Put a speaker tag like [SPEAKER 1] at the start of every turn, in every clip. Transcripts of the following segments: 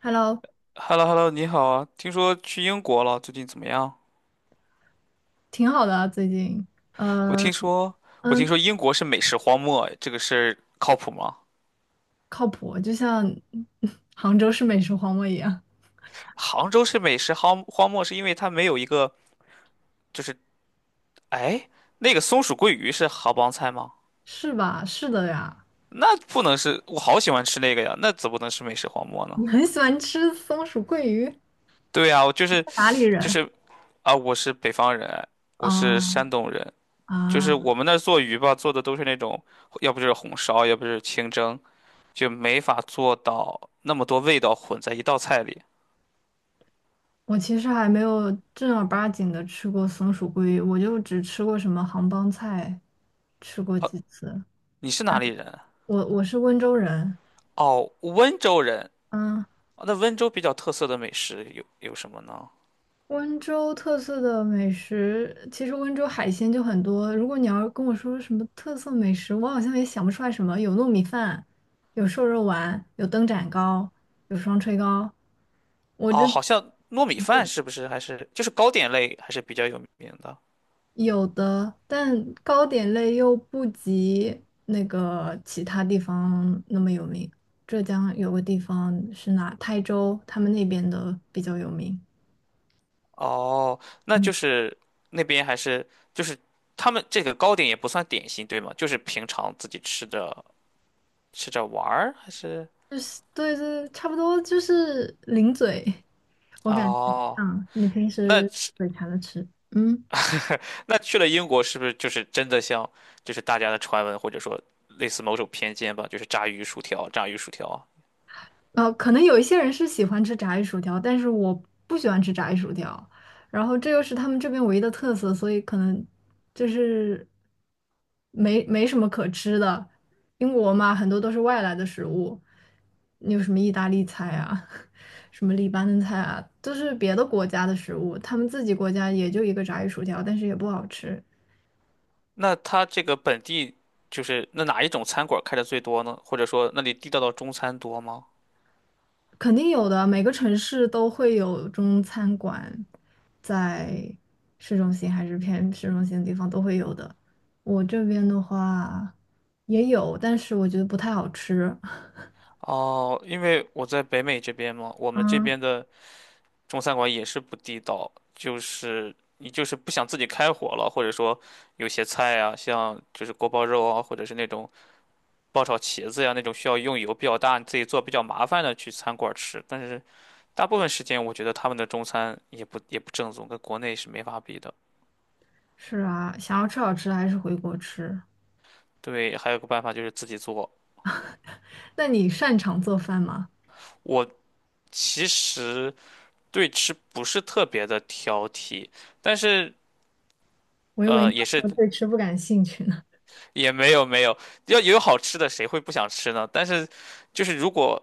[SPEAKER 1] Hello，
[SPEAKER 2] h e l l o h e l l o 你好啊！听说去英国了，最近怎么样？
[SPEAKER 1] 挺好的啊，最近，
[SPEAKER 2] 我
[SPEAKER 1] 呃，
[SPEAKER 2] 听说，我听
[SPEAKER 1] 嗯，
[SPEAKER 2] 说英国是美食荒漠，这个事儿靠谱吗？
[SPEAKER 1] 靠谱，就像 杭州是美食荒漠一样，
[SPEAKER 2] 杭州是美食荒漠，是因为它没有一个，就是，哎，那个松鼠桂鱼是杭帮菜吗？
[SPEAKER 1] 是吧？是的呀，
[SPEAKER 2] 那不能是，我好喜欢吃那个呀，那怎么能是美食荒漠呢？
[SPEAKER 1] 你很喜欢吃松鼠桂鱼，
[SPEAKER 2] 对呀，我就是，
[SPEAKER 1] 哪里
[SPEAKER 2] 就
[SPEAKER 1] 人？
[SPEAKER 2] 是啊，我是北方人，哎我是
[SPEAKER 1] 啊
[SPEAKER 2] 山东人，就是我
[SPEAKER 1] 啊，
[SPEAKER 2] 们那儿做鱼吧，做的都是那种，要不就是红烧，要不就是清蒸。就没法做到那么多味道混在一道菜里。
[SPEAKER 1] 我其实还没有正儿八经的吃过松鼠桂鱼，我就只吃过什么杭帮菜，吃过几次。
[SPEAKER 2] 你是哪里人啊
[SPEAKER 1] 我是温州人，
[SPEAKER 2] 哦，温州人。
[SPEAKER 1] 嗯，
[SPEAKER 2] 哦那温州比较特色的美食有什么呢？
[SPEAKER 1] 温州特色的美食，其实温州海鲜就很多。如果你要跟我说什么特色美食，我好像也想不出来什么。有糯米饭，有瘦肉丸，有灯盏糕，有双炊糕，我这
[SPEAKER 2] 哦，好像糯米饭是不是还是就是糕点类还是比较有名的？
[SPEAKER 1] 有的，但糕点类又不及那个其他地方那么有名。浙江有个地方是哪？台州，他们那边的比较有名。
[SPEAKER 2] 哦，那
[SPEAKER 1] 嗯，
[SPEAKER 2] 就是那边还是就是他们这个糕点也不算点心，对吗？就是平常自己吃着吃着玩儿还是？
[SPEAKER 1] 就是对对，差不多就是零嘴。我感觉
[SPEAKER 2] 哦，
[SPEAKER 1] 像你平
[SPEAKER 2] 那
[SPEAKER 1] 时嘴馋的吃，嗯，
[SPEAKER 2] 那去了英国，是不是就是真的像，就是大家的传闻，或者说类似某种偏见吧，就是炸鱼薯条，炸鱼薯条啊？
[SPEAKER 1] 可能有一些人是喜欢吃炸鱼薯条，但是我不喜欢吃炸鱼薯条，然后这又是他们这边唯一的特色，所以可能就是没什么可吃的。英国嘛，很多都是外来的食物，你有什么意大利菜啊，什么黎巴嫩菜啊，都是别的国家的食物，他们自己国家也就一个炸鱼薯条，但是也不好吃。
[SPEAKER 2] 那它这个本地就是那哪一种餐馆开的最多呢？或者说那里地道的中餐多吗？
[SPEAKER 1] 肯定有的，每个城市都会有中餐馆，在市中心还是偏市中心的地方都会有的。我这边的话也有，但是我觉得不太好吃。
[SPEAKER 2] 哦，因为我在北美这边嘛，我们这
[SPEAKER 1] 嗯，
[SPEAKER 2] 边的中餐馆也是不地道，就是你就是不想自己开火了，或者说有些菜啊，像就是锅包肉啊，或者是那种爆炒茄子呀那种需要用油比较大、你自己做比较麻烦的去餐馆吃，但是大部分时间我觉得他们的中餐也不正宗，跟国内是没法比的。
[SPEAKER 1] 是啊，想要吃好吃的还是回国吃。
[SPEAKER 2] 对，还有个办法就是自己做。
[SPEAKER 1] 那你擅长做饭吗？
[SPEAKER 2] 我其实对吃不是特别的挑剔，但是
[SPEAKER 1] 我以为你
[SPEAKER 2] 也
[SPEAKER 1] 要
[SPEAKER 2] 是
[SPEAKER 1] 说对吃不感兴趣呢，
[SPEAKER 2] 也没有要有好吃的谁会不想吃呢？但是就是如果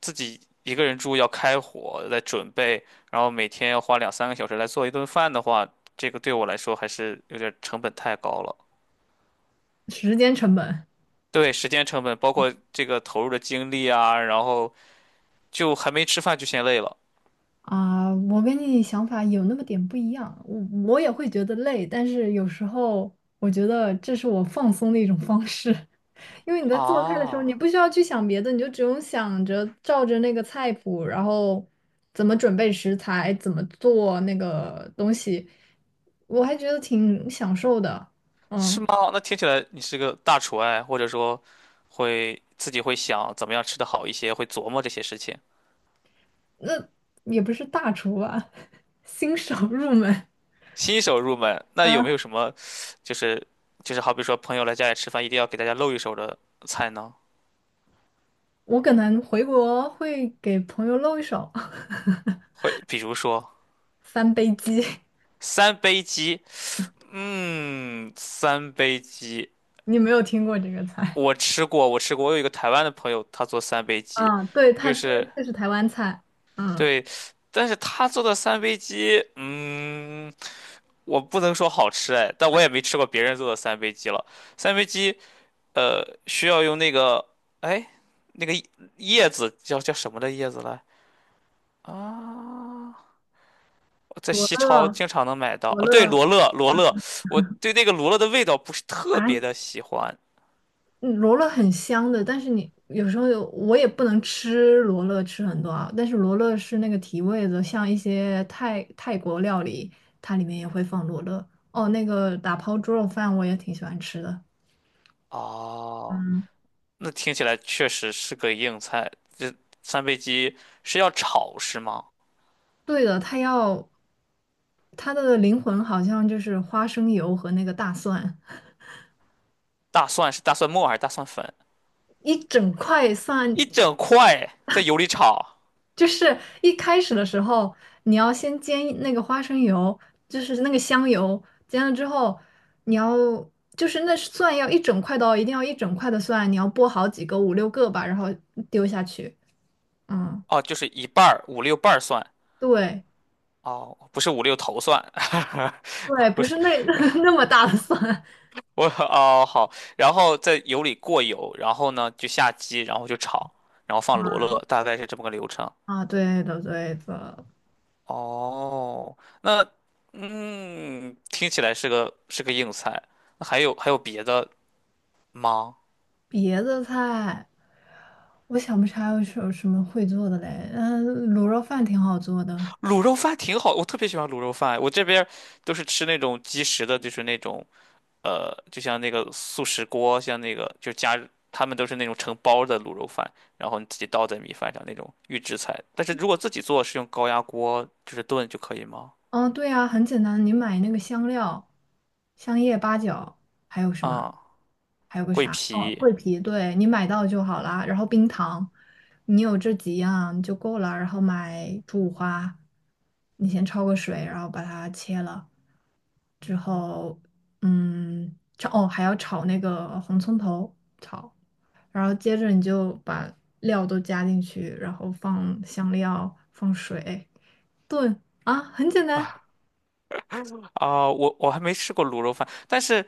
[SPEAKER 2] 自己一个人住要开火，来准备，然后每天要花2、3个小时来做一顿饭的话，这个对我来说还是有点成本太高了。
[SPEAKER 1] 时间成本。
[SPEAKER 2] 对，时间成本，包括这个投入的精力啊，然后就还没吃饭就先累了
[SPEAKER 1] 啊，我跟你想法有那么点不一样，我也会觉得累，但是有时候我觉得这是我放松的一种方式。因为你在做菜的时候，
[SPEAKER 2] 啊，
[SPEAKER 1] 你不需要去想别的，你就只用想着照着那个菜谱，然后怎么准备食材，怎么做那个东西，我还觉得挺享受的。
[SPEAKER 2] 是
[SPEAKER 1] 嗯，
[SPEAKER 2] 吗？那听起来你是个大厨哎，或者说会自己会想怎么样吃的好一些，会琢磨这些事情。
[SPEAKER 1] 那也不是大厨吧，新手入门，
[SPEAKER 2] 新手入门，那有没有什么就是就是好比说朋友来家里吃饭，一定要给大家露一手的菜呢？
[SPEAKER 1] 我可能回国会给朋友露一手，
[SPEAKER 2] 会，比如说
[SPEAKER 1] 三杯鸡，
[SPEAKER 2] 三杯鸡，嗯，三杯鸡，
[SPEAKER 1] 你没有听过这个菜？
[SPEAKER 2] 我吃过，我吃过，我有一个台湾的朋友，他做三杯 鸡，
[SPEAKER 1] 啊，对，它
[SPEAKER 2] 就
[SPEAKER 1] 这
[SPEAKER 2] 是
[SPEAKER 1] 这是台湾菜。嗯，
[SPEAKER 2] 对，但是他做的三杯鸡，嗯，我不能说好吃哎，但我也没吃过别人做的三杯鸡了。三杯鸡，需要用那个，哎，那个叶子叫什么的叶子来啊？在
[SPEAKER 1] 罗
[SPEAKER 2] 西超
[SPEAKER 1] 乐
[SPEAKER 2] 经常能买到。
[SPEAKER 1] 罗
[SPEAKER 2] 哦，对，
[SPEAKER 1] 乐
[SPEAKER 2] 罗勒，罗勒，我对那个罗勒的味道不是特
[SPEAKER 1] 啊，
[SPEAKER 2] 别 的喜欢。
[SPEAKER 1] 嗯罗勒很香的，但是你有时候有我也不能吃罗勒吃很多啊，但是罗勒是那个提味的，像一些泰国料理，它里面也会放罗勒。哦，那个打抛猪肉饭我也挺喜欢吃的。
[SPEAKER 2] 哦，
[SPEAKER 1] 嗯，
[SPEAKER 2] 那听起来确实是个硬菜。这三杯鸡是要炒是吗？
[SPEAKER 1] 对的，它要它的灵魂好像就是花生油和那个大蒜，
[SPEAKER 2] 大蒜是大蒜末还是大蒜粉？
[SPEAKER 1] 一整块蒜
[SPEAKER 2] 一整块在油里炒，
[SPEAKER 1] 就是一开始的时候，你要先煎那个花生油，就是那个香油，煎了之后，你要就是那蒜要一整块的哦，一定要一整块的蒜，你要剥好几个，五六个吧，然后丢下去。嗯，
[SPEAKER 2] 哦，就是一半儿五六瓣儿蒜，
[SPEAKER 1] 对
[SPEAKER 2] 哦，不是五六头蒜，
[SPEAKER 1] 对，
[SPEAKER 2] 不
[SPEAKER 1] 不
[SPEAKER 2] 是
[SPEAKER 1] 是那 那么大的蒜
[SPEAKER 2] 我哦好，然后在油里过油，然后呢就下鸡，然后就炒，然后放罗勒，大概是这么个流程。
[SPEAKER 1] 啊，对的对的。
[SPEAKER 2] 哦，那嗯，听起来是个硬菜。那还有别的吗？
[SPEAKER 1] 别的菜，我想不起来有什么会做的嘞。嗯，卤肉饭挺好做的。
[SPEAKER 2] 卤肉饭挺好，我特别喜欢卤肉饭。我这边儿都是吃那种即食的，就是那种就像那个速食锅，像那个就加，他们都是那种成包的卤肉饭，然后你自己倒在米饭上那种预制菜。但是如果自己做，是用高压锅就是炖就可以吗？
[SPEAKER 1] 嗯，对呀，很简单，你买那个香料，香叶、八角，还有什么？
[SPEAKER 2] 啊、
[SPEAKER 1] 还有个
[SPEAKER 2] 桂
[SPEAKER 1] 啥？哦，
[SPEAKER 2] 皮
[SPEAKER 1] 桂皮，对，你买到就好啦。然后冰糖，你有这几样就够了。然后买猪五花，你先焯个水，然后把它切了之后，嗯，炒，哦，还要炒那个红葱头，炒。然后接着你就把料都加进去，然后放香料，放水，炖啊，很简单。
[SPEAKER 2] 啊、我还没吃过卤肉饭，但是。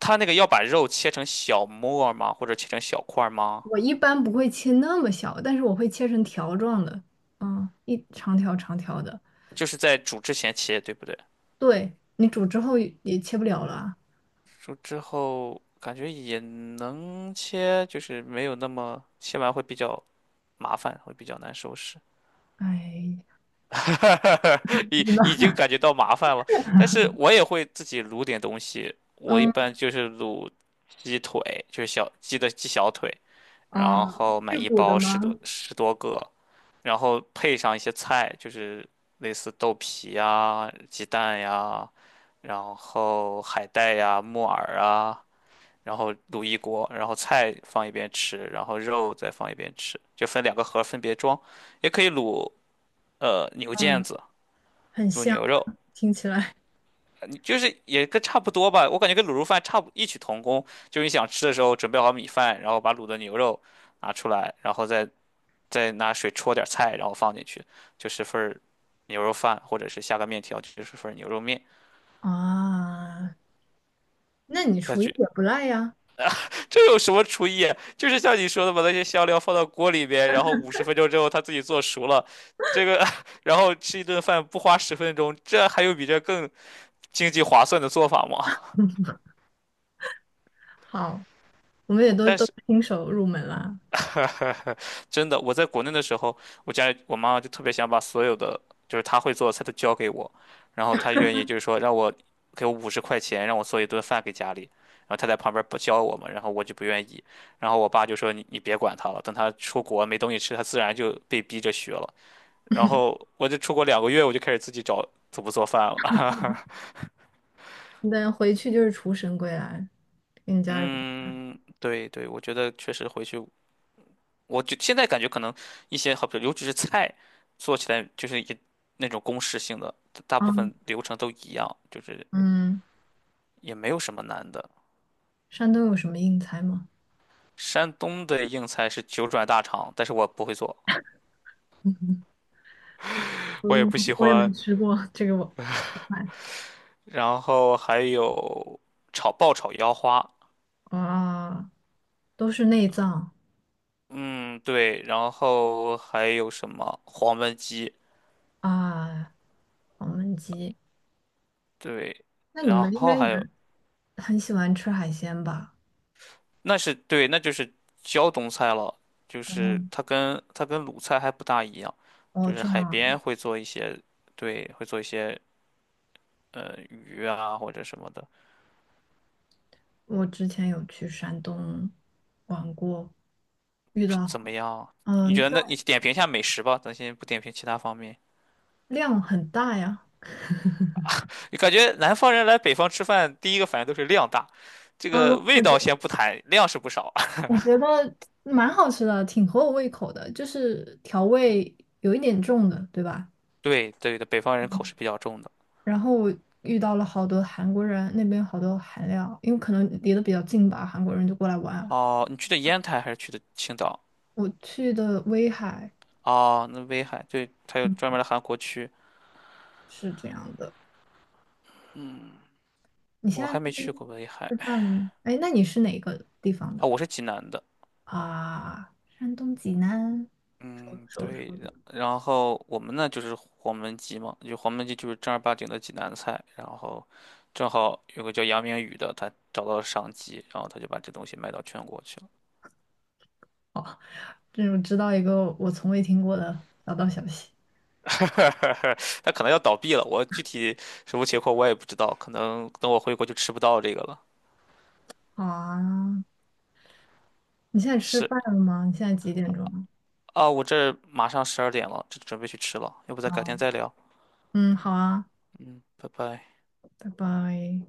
[SPEAKER 2] 他那个要把肉切成小末儿吗？或者切成小块儿吗？
[SPEAKER 1] 我一般不会切那么小，但是我会切成条状的，嗯，一长条长条的。
[SPEAKER 2] 就是在煮之前切，对不对？
[SPEAKER 1] 对，你煮之后也也切不了了啊。
[SPEAKER 2] 煮之后感觉也能切，就是没有那么切完会比较麻烦，会比较难收拾。
[SPEAKER 1] 哎 不
[SPEAKER 2] 已
[SPEAKER 1] 知道。
[SPEAKER 2] 已经 感觉到麻烦了，但是我也会自己卤点东西。我一
[SPEAKER 1] 嗯
[SPEAKER 2] 般就是卤鸡腿，就是小鸡的鸡小腿，然
[SPEAKER 1] 啊，
[SPEAKER 2] 后买
[SPEAKER 1] 是
[SPEAKER 2] 一
[SPEAKER 1] 骨的
[SPEAKER 2] 包十多
[SPEAKER 1] 吗？
[SPEAKER 2] 十多个，然后配上一些菜，就是类似豆皮呀、鸡蛋呀，然后海带呀、木耳啊，然后卤一锅，然后菜放一边吃，然后肉再放一边吃，就分2个盒儿分别装，也可以卤牛腱
[SPEAKER 1] 嗯，
[SPEAKER 2] 子。
[SPEAKER 1] 很
[SPEAKER 2] 卤
[SPEAKER 1] 香，
[SPEAKER 2] 牛肉，
[SPEAKER 1] 听起来
[SPEAKER 2] 你就是也跟差不多吧，我感觉跟卤肉饭差不异曲同工。就是你想吃的时候，准备好米饭，然后把卤的牛肉拿出来，然后再拿水焯点菜，然后放进去，就是份儿牛肉饭，或者是下个面条，就是份儿牛肉面。
[SPEAKER 1] 啊。那你
[SPEAKER 2] 感
[SPEAKER 1] 厨艺
[SPEAKER 2] 觉
[SPEAKER 1] 也不赖呀。
[SPEAKER 2] 这有什么厨艺啊就是像你说的，把那些香料放到锅里边，然后50分钟之后它自己做熟了，这个 然后吃一顿饭不花10分钟，这还有比这更经济划算的做法吗？
[SPEAKER 1] 好，我们也都
[SPEAKER 2] 但
[SPEAKER 1] 都
[SPEAKER 2] 是。
[SPEAKER 1] 新手入门啦，
[SPEAKER 2] 真的，我在国内的时候，我家里我妈妈就特别想把所有的就是她会做的菜都教给我，然后她愿意就是说让我给我50块钱让我做一顿饭给家里，然后她在旁边不教我嘛，然后我就不愿意，然后我爸就说你别管他了，等他出国没东西吃，他自然就被逼着学了。然后我就出国2个月，我就开始自己找怎么做饭了。
[SPEAKER 1] 那回去就是厨神归来，给你 家人。
[SPEAKER 2] 嗯，对对，我觉得确实回去。我就现在感觉可能一些好比如尤其是菜做起来就是也那种公式性的，大
[SPEAKER 1] 啊，
[SPEAKER 2] 部分流程都一样，就是
[SPEAKER 1] 嗯，
[SPEAKER 2] 也没有什么难的。
[SPEAKER 1] 山东有什么硬菜吗？
[SPEAKER 2] 山东的硬菜是九转大肠，但是我不会做，我也
[SPEAKER 1] 嗯，
[SPEAKER 2] 不喜
[SPEAKER 1] 我也没
[SPEAKER 2] 欢。
[SPEAKER 1] 吃过这个我。
[SPEAKER 2] 然后还有炒爆炒腰花，
[SPEAKER 1] 啊，都是内脏
[SPEAKER 2] 嗯对，然后还有什么黄焖鸡，
[SPEAKER 1] 啊，黄焖鸡。
[SPEAKER 2] 对，
[SPEAKER 1] 那你
[SPEAKER 2] 然
[SPEAKER 1] 们应
[SPEAKER 2] 后
[SPEAKER 1] 该也
[SPEAKER 2] 还有
[SPEAKER 1] 很喜欢吃海鲜吧？
[SPEAKER 2] 那是对，那就是胶东菜了，就
[SPEAKER 1] 哦，
[SPEAKER 2] 是它跟鲁菜还不大一样，
[SPEAKER 1] 哦，
[SPEAKER 2] 就是
[SPEAKER 1] 这样
[SPEAKER 2] 海边
[SPEAKER 1] 啊，
[SPEAKER 2] 会做一些，对，会做一些鱼啊或者什么的，
[SPEAKER 1] 我之前有去山东玩过，
[SPEAKER 2] 怎么样？你觉
[SPEAKER 1] 嗯，
[SPEAKER 2] 得
[SPEAKER 1] 但
[SPEAKER 2] 那你点评一下美食吧，咱先不点评其他方面。
[SPEAKER 1] 量很大呀。
[SPEAKER 2] 你感觉南方人来北方吃饭，第一个反应都是量大，这
[SPEAKER 1] 嗯，
[SPEAKER 2] 个味
[SPEAKER 1] 我觉
[SPEAKER 2] 道
[SPEAKER 1] 得
[SPEAKER 2] 先不谈，量是不少。
[SPEAKER 1] 我觉得蛮好吃的，挺合我胃口的，就是调味有一点重的，对吧？
[SPEAKER 2] 对对的，北方人口是比较重的。
[SPEAKER 1] 然后我遇到了好多韩国人，那边好多韩料，因为可能离得比较近吧，韩国人就过来玩啊。
[SPEAKER 2] 哦，你去的烟台还是去的青岛？
[SPEAKER 1] 我去的威海。
[SPEAKER 2] 哦，那威海，对，它有
[SPEAKER 1] 嗯。
[SPEAKER 2] 专门的韩国区，
[SPEAKER 1] 是这样的。你现
[SPEAKER 2] 我
[SPEAKER 1] 在
[SPEAKER 2] 还没
[SPEAKER 1] 那边
[SPEAKER 2] 去过威海。
[SPEAKER 1] 吃饭了吗？哎，那你是哪个地方的
[SPEAKER 2] 啊，我是济南的，
[SPEAKER 1] 啊？山东济南，熟
[SPEAKER 2] 嗯，
[SPEAKER 1] 熟熟，
[SPEAKER 2] 对的。然后我们呢就是黄焖鸡嘛，就黄焖鸡就是正儿八经的济南菜。然后正好有个叫杨明宇的，他找到了商机，然后他就把这东西卖到全国去了。
[SPEAKER 1] 这我知道一个我从未听过的小道消息
[SPEAKER 2] 他可能要倒闭了，我具体什么情况我也不知道，可能等我回国就吃不到这个了。
[SPEAKER 1] 好啊，你现在吃
[SPEAKER 2] 是
[SPEAKER 1] 饭了吗？你现在几点钟了？
[SPEAKER 2] 啊，我这儿马上12点了，这准备去吃了，要不咱改天
[SPEAKER 1] 哦，
[SPEAKER 2] 再聊？
[SPEAKER 1] 嗯，好啊，
[SPEAKER 2] 嗯，拜拜。
[SPEAKER 1] 拜拜。